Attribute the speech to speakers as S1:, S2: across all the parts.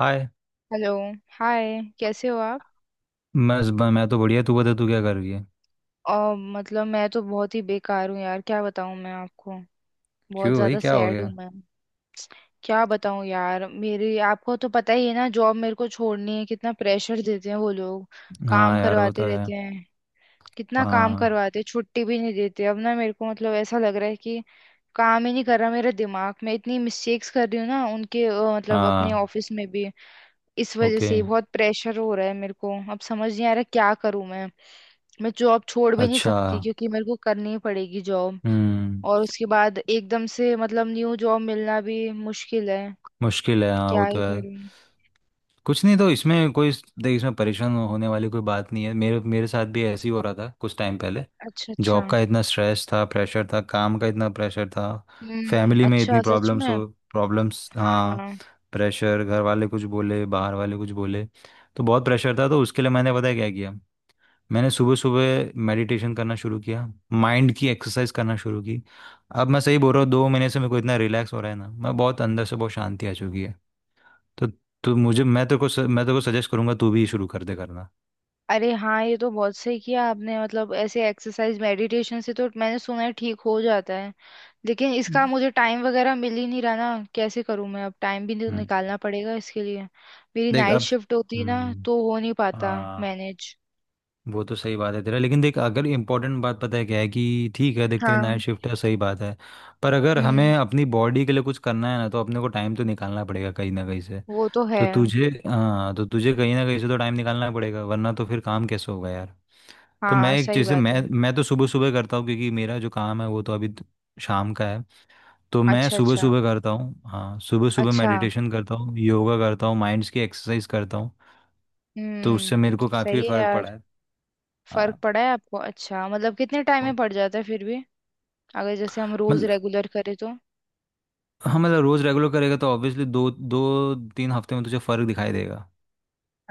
S1: हाय।
S2: Hello. Hi, कैसे हो आप?
S1: मैं तो बढ़िया, तू बता, तू क्या कर रही है?
S2: और मतलब मैं तो बहुत ही बेकार हूँ यार, क्या बताऊँ मैं आपको। बहुत
S1: क्यों भाई,
S2: ज़्यादा
S1: क्या हो
S2: सैड हूँ
S1: गया?
S2: मैं। क्या बताऊँ यार, मेरी आपको तो पता ही है ना, जॉब मेरे को छोड़नी है, कितना प्रेशर देते हैं वो लोग, काम
S1: हाँ यार, वो
S2: करवाते
S1: तो
S2: रहते
S1: है।
S2: हैं। कितना काम
S1: हाँ
S2: करवाते हैं, छुट्टी भी नहीं देते। अब ना मेरे को मतलब ऐसा लग रहा है कि काम ही नहीं कर रहा मेरा दिमाग। मैं इतनी मिस्टेक्स कर रही हूँ ना उनके मतलब अपने
S1: हाँ।
S2: ऑफिस में भी। इस वजह
S1: ओके।
S2: से बहुत प्रेशर हो रहा है मेरे को। अब समझ नहीं आ रहा क्या करूं मैं। मैं जॉब छोड़ भी नहीं
S1: अच्छा।
S2: सकती क्योंकि मेरे को करनी ही पड़ेगी जॉब।
S1: हम्म।
S2: और उसके बाद एकदम से मतलब न्यू जॉब मिलना भी मुश्किल है।
S1: मुश्किल है, हाँ
S2: क्या
S1: वो तो
S2: ही
S1: है।
S2: करूं।
S1: कुछ नहीं, तो इसमें कोई... देख, इसमें परेशान होने वाली कोई बात नहीं है। मेरे मेरे साथ भी ऐसे ही हो रहा था कुछ टाइम पहले।
S2: अच्छा अच्छा।
S1: जॉब का इतना स्ट्रेस था, प्रेशर था, काम का इतना प्रेशर था।
S2: हम्म।
S1: फैमिली में इतनी
S2: अच्छा, सच में?
S1: प्रॉब्लम्स हो... प्रॉब्लम्स, हाँ।
S2: हाँ।
S1: प्रेशर, घर वाले कुछ बोले, बाहर वाले कुछ बोले। तो बहुत प्रेशर था, तो उसके लिए मैंने पता है क्या किया? मैंने सुबह सुबह मेडिटेशन करना शुरू किया, माइंड की एक्सरसाइज करना शुरू की। अब मैं सही बोल रहा हूँ, 2 महीने से मेरे को इतना रिलैक्स हो रहा है ना, मैं बहुत अंदर से, बहुत शांति आ चुकी है। तो तो मुझे मैं तेरे को सजेस्ट करूंगा, तू भी शुरू कर दे करना।
S2: अरे हाँ, ये तो बहुत सही किया आपने। मतलब ऐसे एक्सरसाइज मेडिटेशन से तो मैंने सुना है ठीक हो जाता है। लेकिन इसका
S1: हम्म।
S2: मुझे टाइम वगैरह मिल ही नहीं रहा ना, कैसे करूँ मैं? अब टाइम भी तो निकालना पड़ेगा इसके लिए। मेरी
S1: देख
S2: नाइट
S1: अब...
S2: शिफ्ट होती ना
S1: हम्म।
S2: तो हो नहीं पाता
S1: हाँ,
S2: मैनेज।
S1: वो तो सही बात है तेरा, लेकिन देख, अगर इम्पोर्टेंट बात पता है क्या है कि, ठीक है, देख तेरी नाइट
S2: हाँ।
S1: शिफ्ट है, सही बात है, पर अगर
S2: हम्म।
S1: हमें अपनी बॉडी के लिए कुछ करना है ना, तो अपने को टाइम तो निकालना पड़ेगा कहीं ना कहीं से।
S2: वो तो है।
S1: तो तुझे... हाँ, तो तुझे कहीं ना कहीं से तो टाइम निकालना पड़ेगा, वरना तो फिर काम कैसे होगा यार। तो मैं
S2: हाँ
S1: एक
S2: सही
S1: चीज़ से
S2: बात
S1: मैं
S2: है।
S1: मैं तो सुबह सुबह करता हूँ, क्योंकि मेरा जो काम है वो तो अभी शाम का है। तो मैं
S2: अच्छा
S1: सुबह
S2: अच्छा।
S1: सुबह करता हूँ, हाँ सुबह सुबह
S2: अच्छा।
S1: मेडिटेशन करता हूँ, योगा करता हूँ, माइंड्स की एक्सरसाइज करता हूँ। तो उससे
S2: हम्म।
S1: मेरे को काफ़ी
S2: सही है
S1: फ़र्क पड़ा
S2: यार।
S1: है।
S2: फर्क
S1: हाँ।
S2: पड़ा है आपको? अच्छा, मतलब कितने टाइम में
S1: और-
S2: पड़ जाता है फिर भी, अगर जैसे हम रोज
S1: मतलब,
S2: रेगुलर करें तो?
S1: हाँ मतलब रोज़ रेगुलर करेगा तो ऑब्वियसली दो दो तीन हफ्ते में तुझे फ़र्क दिखाई देगा।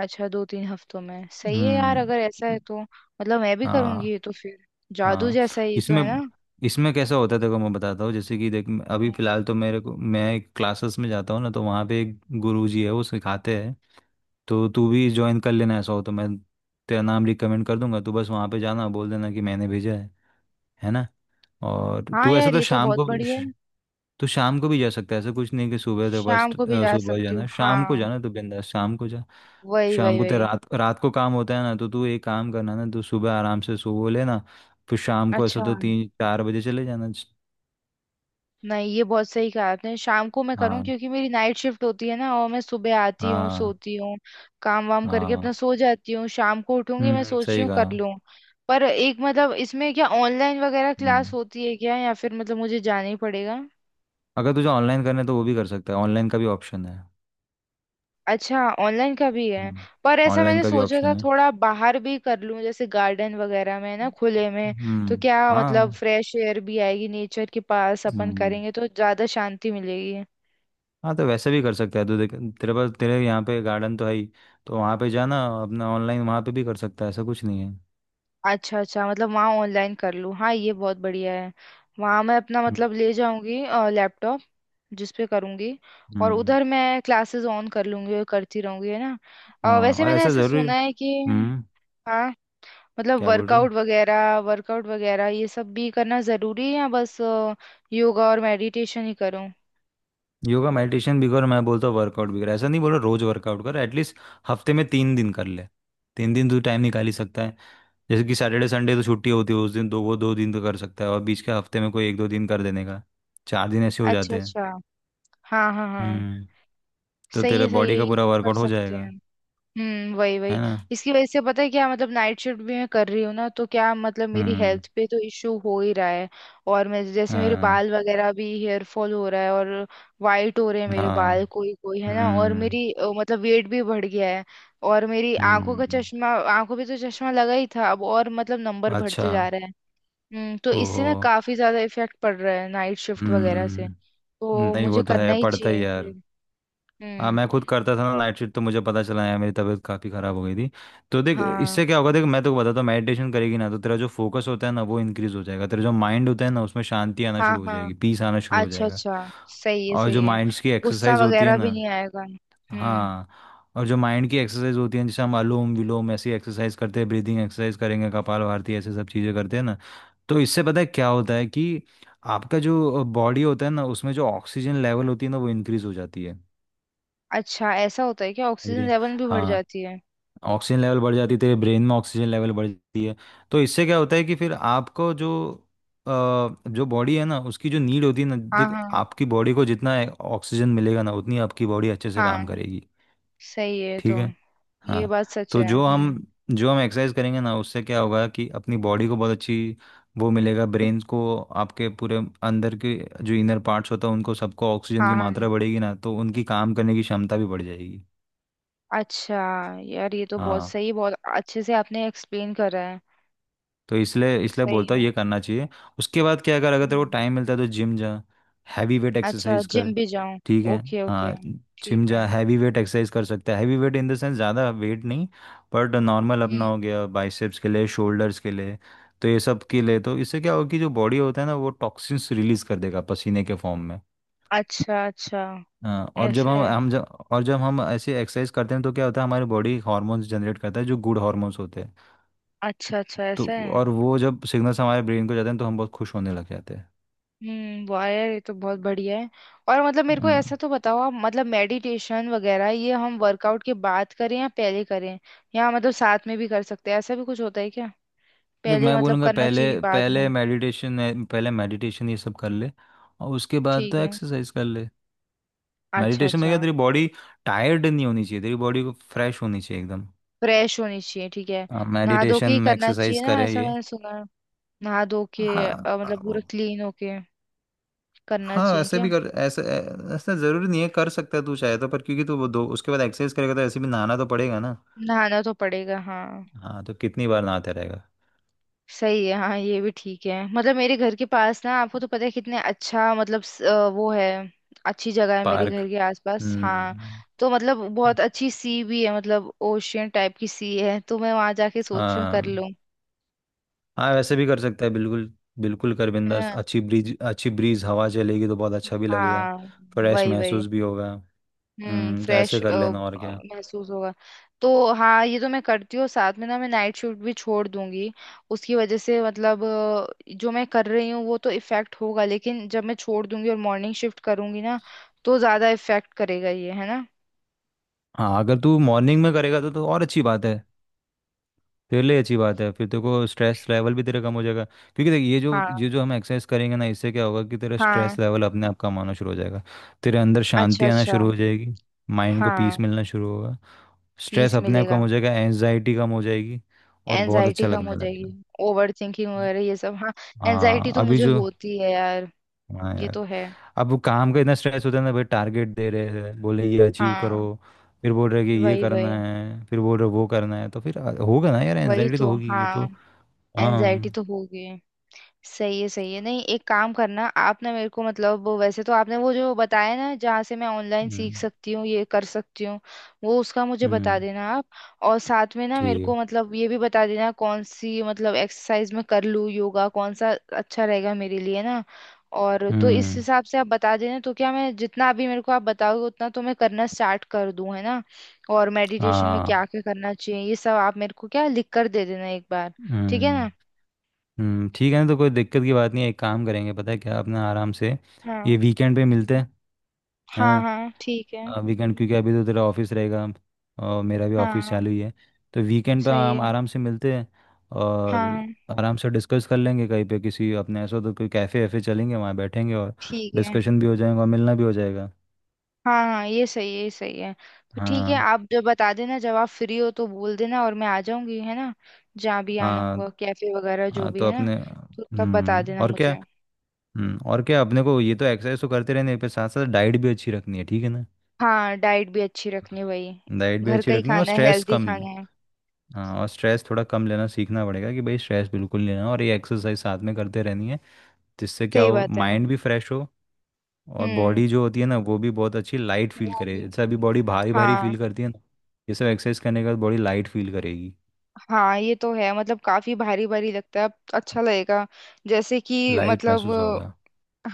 S2: अच्छा, दो तीन हफ्तों में। सही है यार,
S1: हम्म।
S2: अगर ऐसा है तो मतलब मैं भी करूंगी
S1: हाँ
S2: ये तो फिर। जादू
S1: हाँ।
S2: जैसा है ये तो,
S1: इसमें...
S2: है ना।
S1: इसमें कैसा होता है, देखो मैं बताता हूँ। जैसे कि देख, अभी
S2: हम्म।
S1: फिलहाल तो मेरे को, मैं एक क्लासेस में जाता हूँ ना, तो वहाँ पे एक गुरु जी है, वो सिखाते हैं। तो तू भी ज्वाइन कर लेना, ऐसा हो तो मैं तेरा नाम रिकमेंड कर दूंगा, तू बस वहाँ पे जाना बोल देना कि मैंने भेजा है ना। और
S2: हाँ
S1: तू ऐसे
S2: यार,
S1: तो
S2: ये तो
S1: शाम
S2: बहुत
S1: को,
S2: बढ़िया है।
S1: तो शाम को भी जा सकता है, ऐसा कुछ नहीं कि सुबह तेरे पास
S2: शाम को भी जा
S1: सुबह
S2: सकती
S1: जाना
S2: हूँ
S1: है। शाम को
S2: हाँ।
S1: जाना, तो बिंदास शाम को जा।
S2: वही
S1: शाम
S2: वही
S1: को तेरा,
S2: वही।
S1: रात रात को काम होता है ना, तो तू एक काम करना ना, तू सुबह आराम से सो लेना, फिर शाम को ऐसा
S2: अच्छा।
S1: तो तीन चार बजे चले जाना।
S2: नहीं, ये बहुत सही कहा आपने, शाम को मैं करूँ
S1: हाँ
S2: क्योंकि मेरी नाइट शिफ्ट होती है ना, और मैं सुबह आती हूँ,
S1: हाँ
S2: सोती हूँ। काम वाम करके अपना
S1: हाँ।
S2: सो जाती हूँ, शाम को उठूंगी, मैं
S1: हम्म,
S2: सोच रही
S1: सही
S2: हूँ
S1: कहा।
S2: कर लूँ। पर एक मतलब इसमें क्या ऑनलाइन वगैरह क्लास
S1: हम्म,
S2: होती है क्या, या फिर मतलब मुझे जाना ही पड़ेगा?
S1: अगर तुझे ऑनलाइन करना है तो वो भी कर सकता है, ऑनलाइन का भी ऑप्शन है।
S2: अच्छा, ऑनलाइन का भी है। पर
S1: हम्म।
S2: ऐसा
S1: ऑनलाइन
S2: मैंने
S1: का भी
S2: सोचा था
S1: ऑप्शन है।
S2: थोड़ा बाहर भी कर लूं, जैसे गार्डन वगैरह में ना, खुले में। तो
S1: हम्म।
S2: क्या मतलब
S1: हाँ।
S2: फ्रेश एयर भी आएगी, नेचर के पास अपन
S1: हम्म।
S2: करेंगे तो ज्यादा शांति मिलेगी।
S1: हाँ, तो वैसे भी कर सकता है। तो देख, तेरे पास, तेरे यहाँ पे गार्डन तो है ही, तो वहाँ पे जाना, अपना ऑनलाइन वहाँ पे भी कर सकता है, ऐसा कुछ नहीं है।
S2: अच्छा अच्छा, मतलब वहाँ ऑनलाइन कर लूँ, हाँ ये बहुत बढ़िया है। वहाँ मैं अपना
S1: हम्म।
S2: मतलब ले जाऊंगी लैपटॉप, जिस पे करूंगी। और
S1: हम्म,
S2: उधर मैं क्लासेस ऑन कर लूंगी और करती रहूंगी, है ना।
S1: हाँ।
S2: वैसे
S1: और
S2: मैंने
S1: ऐसा
S2: ऐसा
S1: ज़रूरी...
S2: सुना है कि
S1: हम्म।
S2: हाँ, मतलब
S1: क्या बोल रही है?
S2: वर्कआउट वगैरह ये सब भी करना जरूरी है या बस योगा और मेडिटेशन ही करूं?
S1: योगा मेडिटेशन भी कर, मैं बोलता हूँ वर्कआउट भी कर, ऐसा नहीं बोल रहा रोज़ वर्कआउट कर, एटलीस्ट हफ्ते में 3 दिन कर ले। 3 दिन तू टाइम निकाल ही सकता है। जैसे कि सैटरडे संडे तो छुट्टी होती है, उस दिन दो, वो 2 दिन तो कर सकता है, और बीच के हफ्ते में कोई एक दो दिन कर देने का, 4 दिन ऐसे हो
S2: अच्छा
S1: जाते हैं।
S2: अच्छा। हाँ हाँ हाँ।
S1: हम्म। तो
S2: सही
S1: तेरा
S2: है, सही है,
S1: बॉडी का
S2: ये
S1: पूरा
S2: हम कर
S1: वर्कआउट हो
S2: सकते हैं।
S1: जाएगा।
S2: हम्म, वही वही।
S1: है ना।
S2: इसकी वजह से पता है क्या, मतलब नाइट शिफ्ट भी मैं कर रही हूँ ना, तो क्या मतलब मेरी
S1: हम्म।
S2: हेल्थ पे तो इश्यू हो ही रहा है। और मैं जैसे, मेरे
S1: हाँ
S2: बाल वगैरह भी हेयर फॉल हो रहा है और वाइट हो रहे हैं मेरे
S1: हाँ।
S2: बाल कोई कोई, है ना। और
S1: हम्म।
S2: मेरी मतलब वेट भी बढ़ गया है। और मेरी आंखों का
S1: हम्म।
S2: चश्मा, आंखों पे तो चश्मा लगा ही था, अब और मतलब नंबर
S1: अच्छा।
S2: बढ़ते जा रहे हैं। हम्म, तो इससे
S1: ओहो।
S2: ना काफी ज्यादा इफेक्ट पड़ रहा है नाइट शिफ्ट वगैरह से,
S1: हम्म।
S2: तो
S1: नहीं,
S2: मुझे
S1: वो तो
S2: करना
S1: है,
S2: ही
S1: पड़ता ही
S2: चाहिए फिर।
S1: यार। हाँ,
S2: हम्म।
S1: मैं खुद करता था ना नाइट शिफ्ट, तो मुझे पता चला यार, मेरी तबीयत काफ़ी ख़राब हो गई थी। तो देख,
S2: हाँ
S1: इससे क्या होगा, देख मैं तो बताता हूँ, मेडिटेशन करेगी ना तो तेरा जो फोकस होता है ना वो इंक्रीज़ हो जाएगा, तेरा जो माइंड होता है ना उसमें शांति आना
S2: हाँ
S1: शुरू हो
S2: हाँ।
S1: जाएगी, पीस आना शुरू हो
S2: अच्छा
S1: जाएगा।
S2: अच्छा। सही है
S1: और जो
S2: सही है।
S1: माइंड्स की
S2: गुस्सा
S1: एक्सरसाइज होती है
S2: वगैरह भी
S1: ना,
S2: नहीं आएगा? हम्म।
S1: हाँ और जो माइंड की एक्सरसाइज होती है, जैसे हम अनुलोम विलोम ऐसी एक्सरसाइज करते हैं, ब्रीदिंग एक्सरसाइज करेंगे, कपालभाति ऐसे सब चीज़ें करते हैं ना, तो इससे पता है क्या होता है कि आपका जो बॉडी होता है ना उसमें जो ऑक्सीजन लेवल होती है ना वो इंक्रीज हो जाती है।
S2: अच्छा, ऐसा होता है क्या,
S1: समझ रही
S2: ऑक्सीजन
S1: हैं?
S2: लेवल भी बढ़
S1: हाँ।
S2: जाती है?
S1: ऑक्सीजन लेवल बढ़ जाती है, तेरे ब्रेन में ऑक्सीजन लेवल बढ़ जाती है। तो इससे क्या होता है कि फिर आपको जो अ, जो बॉडी है ना उसकी जो नीड होती है ना,
S2: हाँ
S1: देख,
S2: हाँ
S1: आपकी बॉडी को जितना ऑक्सीजन मिलेगा ना उतनी आपकी बॉडी अच्छे से काम
S2: हाँ।
S1: करेगी।
S2: सही है
S1: ठीक
S2: तो।
S1: है।
S2: ये
S1: हाँ।
S2: बात सच
S1: तो
S2: है।
S1: जो हम,
S2: हम्म।
S1: जो हम एक्सरसाइज करेंगे ना उससे क्या होगा कि अपनी बॉडी को बहुत अच्छी, वो मिलेगा ब्रेन को, आपके पूरे अंदर के जो इनर पार्ट्स होता है उनको सबको ऑक्सीजन की
S2: हाँ हाँ।
S1: मात्रा बढ़ेगी ना, तो उनकी काम करने की क्षमता भी बढ़ जाएगी।
S2: अच्छा। यार ये तो बहुत
S1: हाँ,
S2: सही, बहुत अच्छे से आपने एक्सप्लेन करा है।
S1: तो इसलिए, इसलिए
S2: सही
S1: बोलता हूँ
S2: है।
S1: ये करना चाहिए। उसके बाद क्या कर, अगर तेरे को
S2: हम्म।
S1: टाइम मिलता है तो जिम जा, हैवी वेट
S2: अच्छा,
S1: एक्सरसाइज कर।
S2: जिम भी जाऊं?
S1: ठीक है।
S2: Okay okay.
S1: हाँ,
S2: ठीक
S1: जिम
S2: है।
S1: जा हैवी वेट एक्सरसाइज कर सकता है, heavy weight in the sense ज़्यादा वेट नहीं, बट नॉर्मल अपना हो
S2: हम्म।
S1: गया बाइसेप्स के लिए, शोल्डर्स के लिए। तो ये सब के लिए, तो इससे क्या होगा कि जो बॉडी होता है ना वो टॉक्सिन्स रिलीज कर देगा पसीने के फॉर्म में।
S2: अच्छा अच्छा,
S1: हाँ,
S2: ऐसा है?
S1: और जब हम ऐसे एक्सरसाइज करते हैं तो क्या होता है, हमारी बॉडी हार्मोन्स जनरेट करता है जो गुड हार्मोन्स होते हैं।
S2: अच्छा अच्छा,
S1: तो
S2: ऐसा है।
S1: और वो जब सिग्नल्स हमारे ब्रेन को जाते हैं तो हम बहुत खुश होने लग जाते हैं।
S2: हम्म, वाह यार, ये तो बहुत बढ़िया है। और मतलब मेरे को
S1: हम्म।
S2: ऐसा तो बताओ आप, मतलब मेडिटेशन वगैरह ये हम वर्कआउट के बाद करें या पहले करें, या मतलब साथ में भी कर सकते हैं, ऐसा भी कुछ होता है क्या?
S1: देख
S2: पहले
S1: मैं
S2: मतलब
S1: बोलूँगा
S2: करना
S1: पहले,
S2: चाहिए कि बाद में?
S1: पहले मेडिटेशन है, पहले मेडिटेशन ये सब कर ले, और उसके बाद
S2: ठीक
S1: तो
S2: है।
S1: एक्सरसाइज कर ले।
S2: अच्छा
S1: मेडिटेशन में क्या,
S2: अच्छा।
S1: तेरी बॉडी टायर्ड नहीं होनी चाहिए, तेरी बॉडी को फ्रेश होनी चाहिए एकदम।
S2: फ्रेश होनी चाहिए, ठीक है।
S1: हाँ,
S2: नहा धो के
S1: मेडिटेशन
S2: ही
S1: में
S2: करना
S1: एक्सरसाइज
S2: चाहिए ना,
S1: करे
S2: ऐसा
S1: ये...
S2: मैंने सुना है। नहा धो के
S1: हाँ।
S2: मतलब
S1: हाँ।
S2: पूरा क्लीन होके करना
S1: हाँ,
S2: चाहिए
S1: ऐसे
S2: क्या?
S1: भी कर, ऐसे ऐसा जरूरी नहीं है, कर सकता है तू चाहे तो, पर क्योंकि तू वो दो उसके बाद एक्सरसाइज करेगा तो ऐसे भी नहाना तो पड़ेगा ना।
S2: नहाना तो पड़ेगा हाँ।
S1: हाँ, तो कितनी बार नहाते रहेगा।
S2: सही है हाँ, ये भी ठीक है। मतलब मेरे घर के पास ना, आपको तो पता है कितने अच्छा मतलब वो है, अच्छी जगह है मेरे घर
S1: पार्क।
S2: के आसपास हाँ।
S1: हम्म।
S2: तो मतलब बहुत अच्छी सी भी है, मतलब ओशियन टाइप की सी है, तो मैं वहां जाके सोच रही हूँ कर
S1: हाँ।
S2: लूँ।
S1: हाँ, वैसे भी कर सकता है बिल्कुल, बिल्कुल कर
S2: है
S1: बिंदास,
S2: ना।
S1: अच्छी ब्रीज, अच्छी ब्रीज हवा चलेगी तो बहुत अच्छा भी लगेगा,
S2: हाँ
S1: फ्रेश
S2: वही वही।
S1: महसूस भी होगा। हम्म, तो
S2: फ्रेश
S1: ऐसे कर लेना, और क्या।
S2: महसूस होगा। तो हाँ ये तो मैं करती हूँ, साथ में ना मैं नाइट शिफ्ट भी छोड़ दूंगी। उसकी वजह से मतलब जो मैं कर रही हूँ वो तो इफेक्ट होगा, लेकिन जब मैं छोड़ दूंगी और मॉर्निंग शिफ्ट करूंगी ना, तो ज्यादा इफेक्ट करेगा ये, है ना।
S1: हाँ अगर तू मॉर्निंग में करेगा तो और अच्छी बात है, तेरे लिए अच्छी बात है, फिर तेरे को स्ट्रेस लेवल भी तेरा कम हो जाएगा, क्योंकि देख ये जो
S2: हाँ
S1: ये जो हम एक्सरसाइज करेंगे ना इससे क्या होगा कि तेरा
S2: हाँ।
S1: स्ट्रेस लेवल अपने आप कम आना शुरू हो जाएगा, तेरे अंदर
S2: अच्छा
S1: शांति आना
S2: अच्छा।
S1: शुरू हो जाएगी, माइंड को
S2: हाँ
S1: पीस मिलना शुरू होगा, स्ट्रेस
S2: पीस
S1: अपने आप कम
S2: मिलेगा।
S1: हो जाएगा, एंजाइटी कम हो जाएगी और बहुत
S2: एनजाइटी
S1: अच्छा
S2: कम हो
S1: लगने
S2: जाएगी।
S1: लगेगा।
S2: ओवर थिंकिंग वगैरह ये सब हाँ। एनजाइटी
S1: हाँ
S2: तो
S1: अभी
S2: मुझे
S1: जो...
S2: होती है यार,
S1: हाँ
S2: ये
S1: यार,
S2: तो है।
S1: अब वो काम का इतना स्ट्रेस होता है ना भाई, टारगेट दे रहे हैं, बोले ये अचीव करो,
S2: हाँ
S1: फिर बोल रहे हैं कि ये
S2: वही
S1: करना
S2: वही।
S1: है, फिर बोल रहे हैं वो करना है, तो फिर होगा ना यार,
S2: वही
S1: एनजाइटी तो
S2: तो
S1: होगी ये तो।
S2: हाँ,
S1: हाँ।
S2: एनजाइटी तो होगी। सही है सही है। नहीं एक काम करना आप ना, मेरे को मतलब वो, वैसे तो आपने वो जो बताया ना जहाँ से मैं ऑनलाइन सीख
S1: हम्म।
S2: सकती हूँ, ये कर सकती हूँ, वो उसका मुझे बता
S1: हम्म।
S2: देना आप। और साथ में ना, मेरे
S1: ठीक
S2: को
S1: है।
S2: मतलब ये भी बता देना कौन सी मतलब एक्सरसाइज मैं कर लूँ, योगा कौन सा अच्छा रहेगा मेरे लिए ना। और तो इस
S1: हम्म।
S2: हिसाब से आप बता देना, तो क्या मैं जितना अभी मेरे को आप बताओगे उतना तो मैं करना स्टार्ट कर दूँ, है ना? और मेडिटेशन में क्या
S1: हाँ।
S2: क्या करना चाहिए ये सब आप मेरे को क्या लिख कर दे देना एक बार। ठीक है
S1: हम्म।
S2: ना।
S1: हम्म, ठीक है ना, तो कोई दिक्कत की बात नहीं है, एक काम करेंगे पता है क्या, अपना आराम से
S2: हाँ
S1: ये वीकेंड पे मिलते हैं। है ना।
S2: हाँ हाँ ठीक है।
S1: हाँ वीकेंड, क्योंकि अभी तो तेरा ऑफिस रहेगा और मेरा भी ऑफिस
S2: हाँ
S1: चालू ही है, तो वीकेंड पे
S2: सही
S1: हम
S2: है।
S1: आराम से मिलते हैं और
S2: हाँ
S1: आराम से डिस्कस कर लेंगे कहीं पे, किसी अपने ऐसा तो कोई कैफ़े वैफे चलेंगे, वहाँ बैठेंगे और
S2: ठीक है।
S1: डिस्कशन भी हो जाएगा और मिलना भी हो जाएगा।
S2: हाँ हाँ ये सही है, ये सही है। तो ठीक है,
S1: हाँ
S2: आप जब बता देना जब आप फ्री हो तो बोल देना और मैं आ जाऊंगी, है ना। जहाँ भी आना
S1: हाँ
S2: होगा, कैफे वगैरह जो
S1: हाँ।
S2: भी
S1: तो
S2: है ना।
S1: अपने,
S2: तो तब बता
S1: हम्म,
S2: देना
S1: और क्या।
S2: मुझे।
S1: हम्म, और क्या, अपने को ये तो एक्सरसाइज तो करते रहने पे साथ साथ डाइट भी अच्छी रखनी है, ठीक है ना।
S2: हाँ डाइट भी अच्छी रखनी है वही,
S1: डाइट भी
S2: घर
S1: अच्छी
S2: का ही
S1: रखनी है और
S2: खाना है,
S1: स्ट्रेस
S2: हेल्दी
S1: कम।
S2: खाना है।
S1: हाँ, और स्ट्रेस थोड़ा कम लेना सीखना पड़ेगा कि भाई स्ट्रेस बिल्कुल नहीं लेना, और ये एक्सरसाइज साथ में करते रहनी है, जिससे क्या
S2: सही
S1: हो
S2: बात है।
S1: माइंड भी फ्रेश हो और
S2: हम्म।
S1: बॉडी जो होती है ना वो भी बहुत अच्छी लाइट फील
S2: वो
S1: करे,
S2: भी
S1: जैसे अभी बॉडी भारी भारी
S2: हाँ।
S1: फील करती है ना, ये सब एक्सरसाइज करने के बाद बॉडी लाइट फील करेगी,
S2: हाँ ये तो है, मतलब काफी भारी भारी लगता है, अब अच्छा लगेगा। जैसे कि
S1: लाइट
S2: मतलब
S1: महसूस होगा।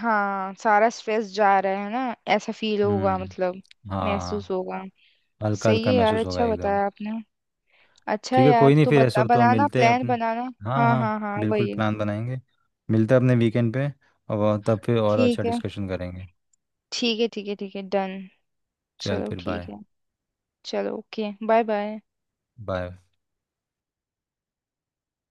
S2: हाँ, सारा स्ट्रेस जा रहा है ना, ऐसा फील होगा,
S1: हम्म।
S2: मतलब महसूस
S1: हाँ,
S2: होगा।
S1: हल्का
S2: सही
S1: हल्का
S2: है यार,
S1: महसूस होगा
S2: अच्छा
S1: एकदम।
S2: बताया आपने। अच्छा है
S1: ठीक है,
S2: यार,
S1: कोई नहीं,
S2: तो
S1: फिर ऐसा
S2: बता,
S1: हो तो
S2: बनाना
S1: मिलते हैं
S2: प्लान
S1: अपन,
S2: बनाना।
S1: हाँ
S2: हाँ
S1: हाँ
S2: हाँ हाँ
S1: बिल्कुल
S2: वही।
S1: प्लान बनाएंगे, मिलते हैं अपने वीकेंड पे और तब फिर और अच्छा
S2: ठीक है
S1: डिस्कशन करेंगे।
S2: ठीक है ठीक है ठीक है डन।
S1: चल
S2: चलो
S1: फिर बाय।
S2: ठीक है। चलो ओके, बाय बाय।
S1: बाय।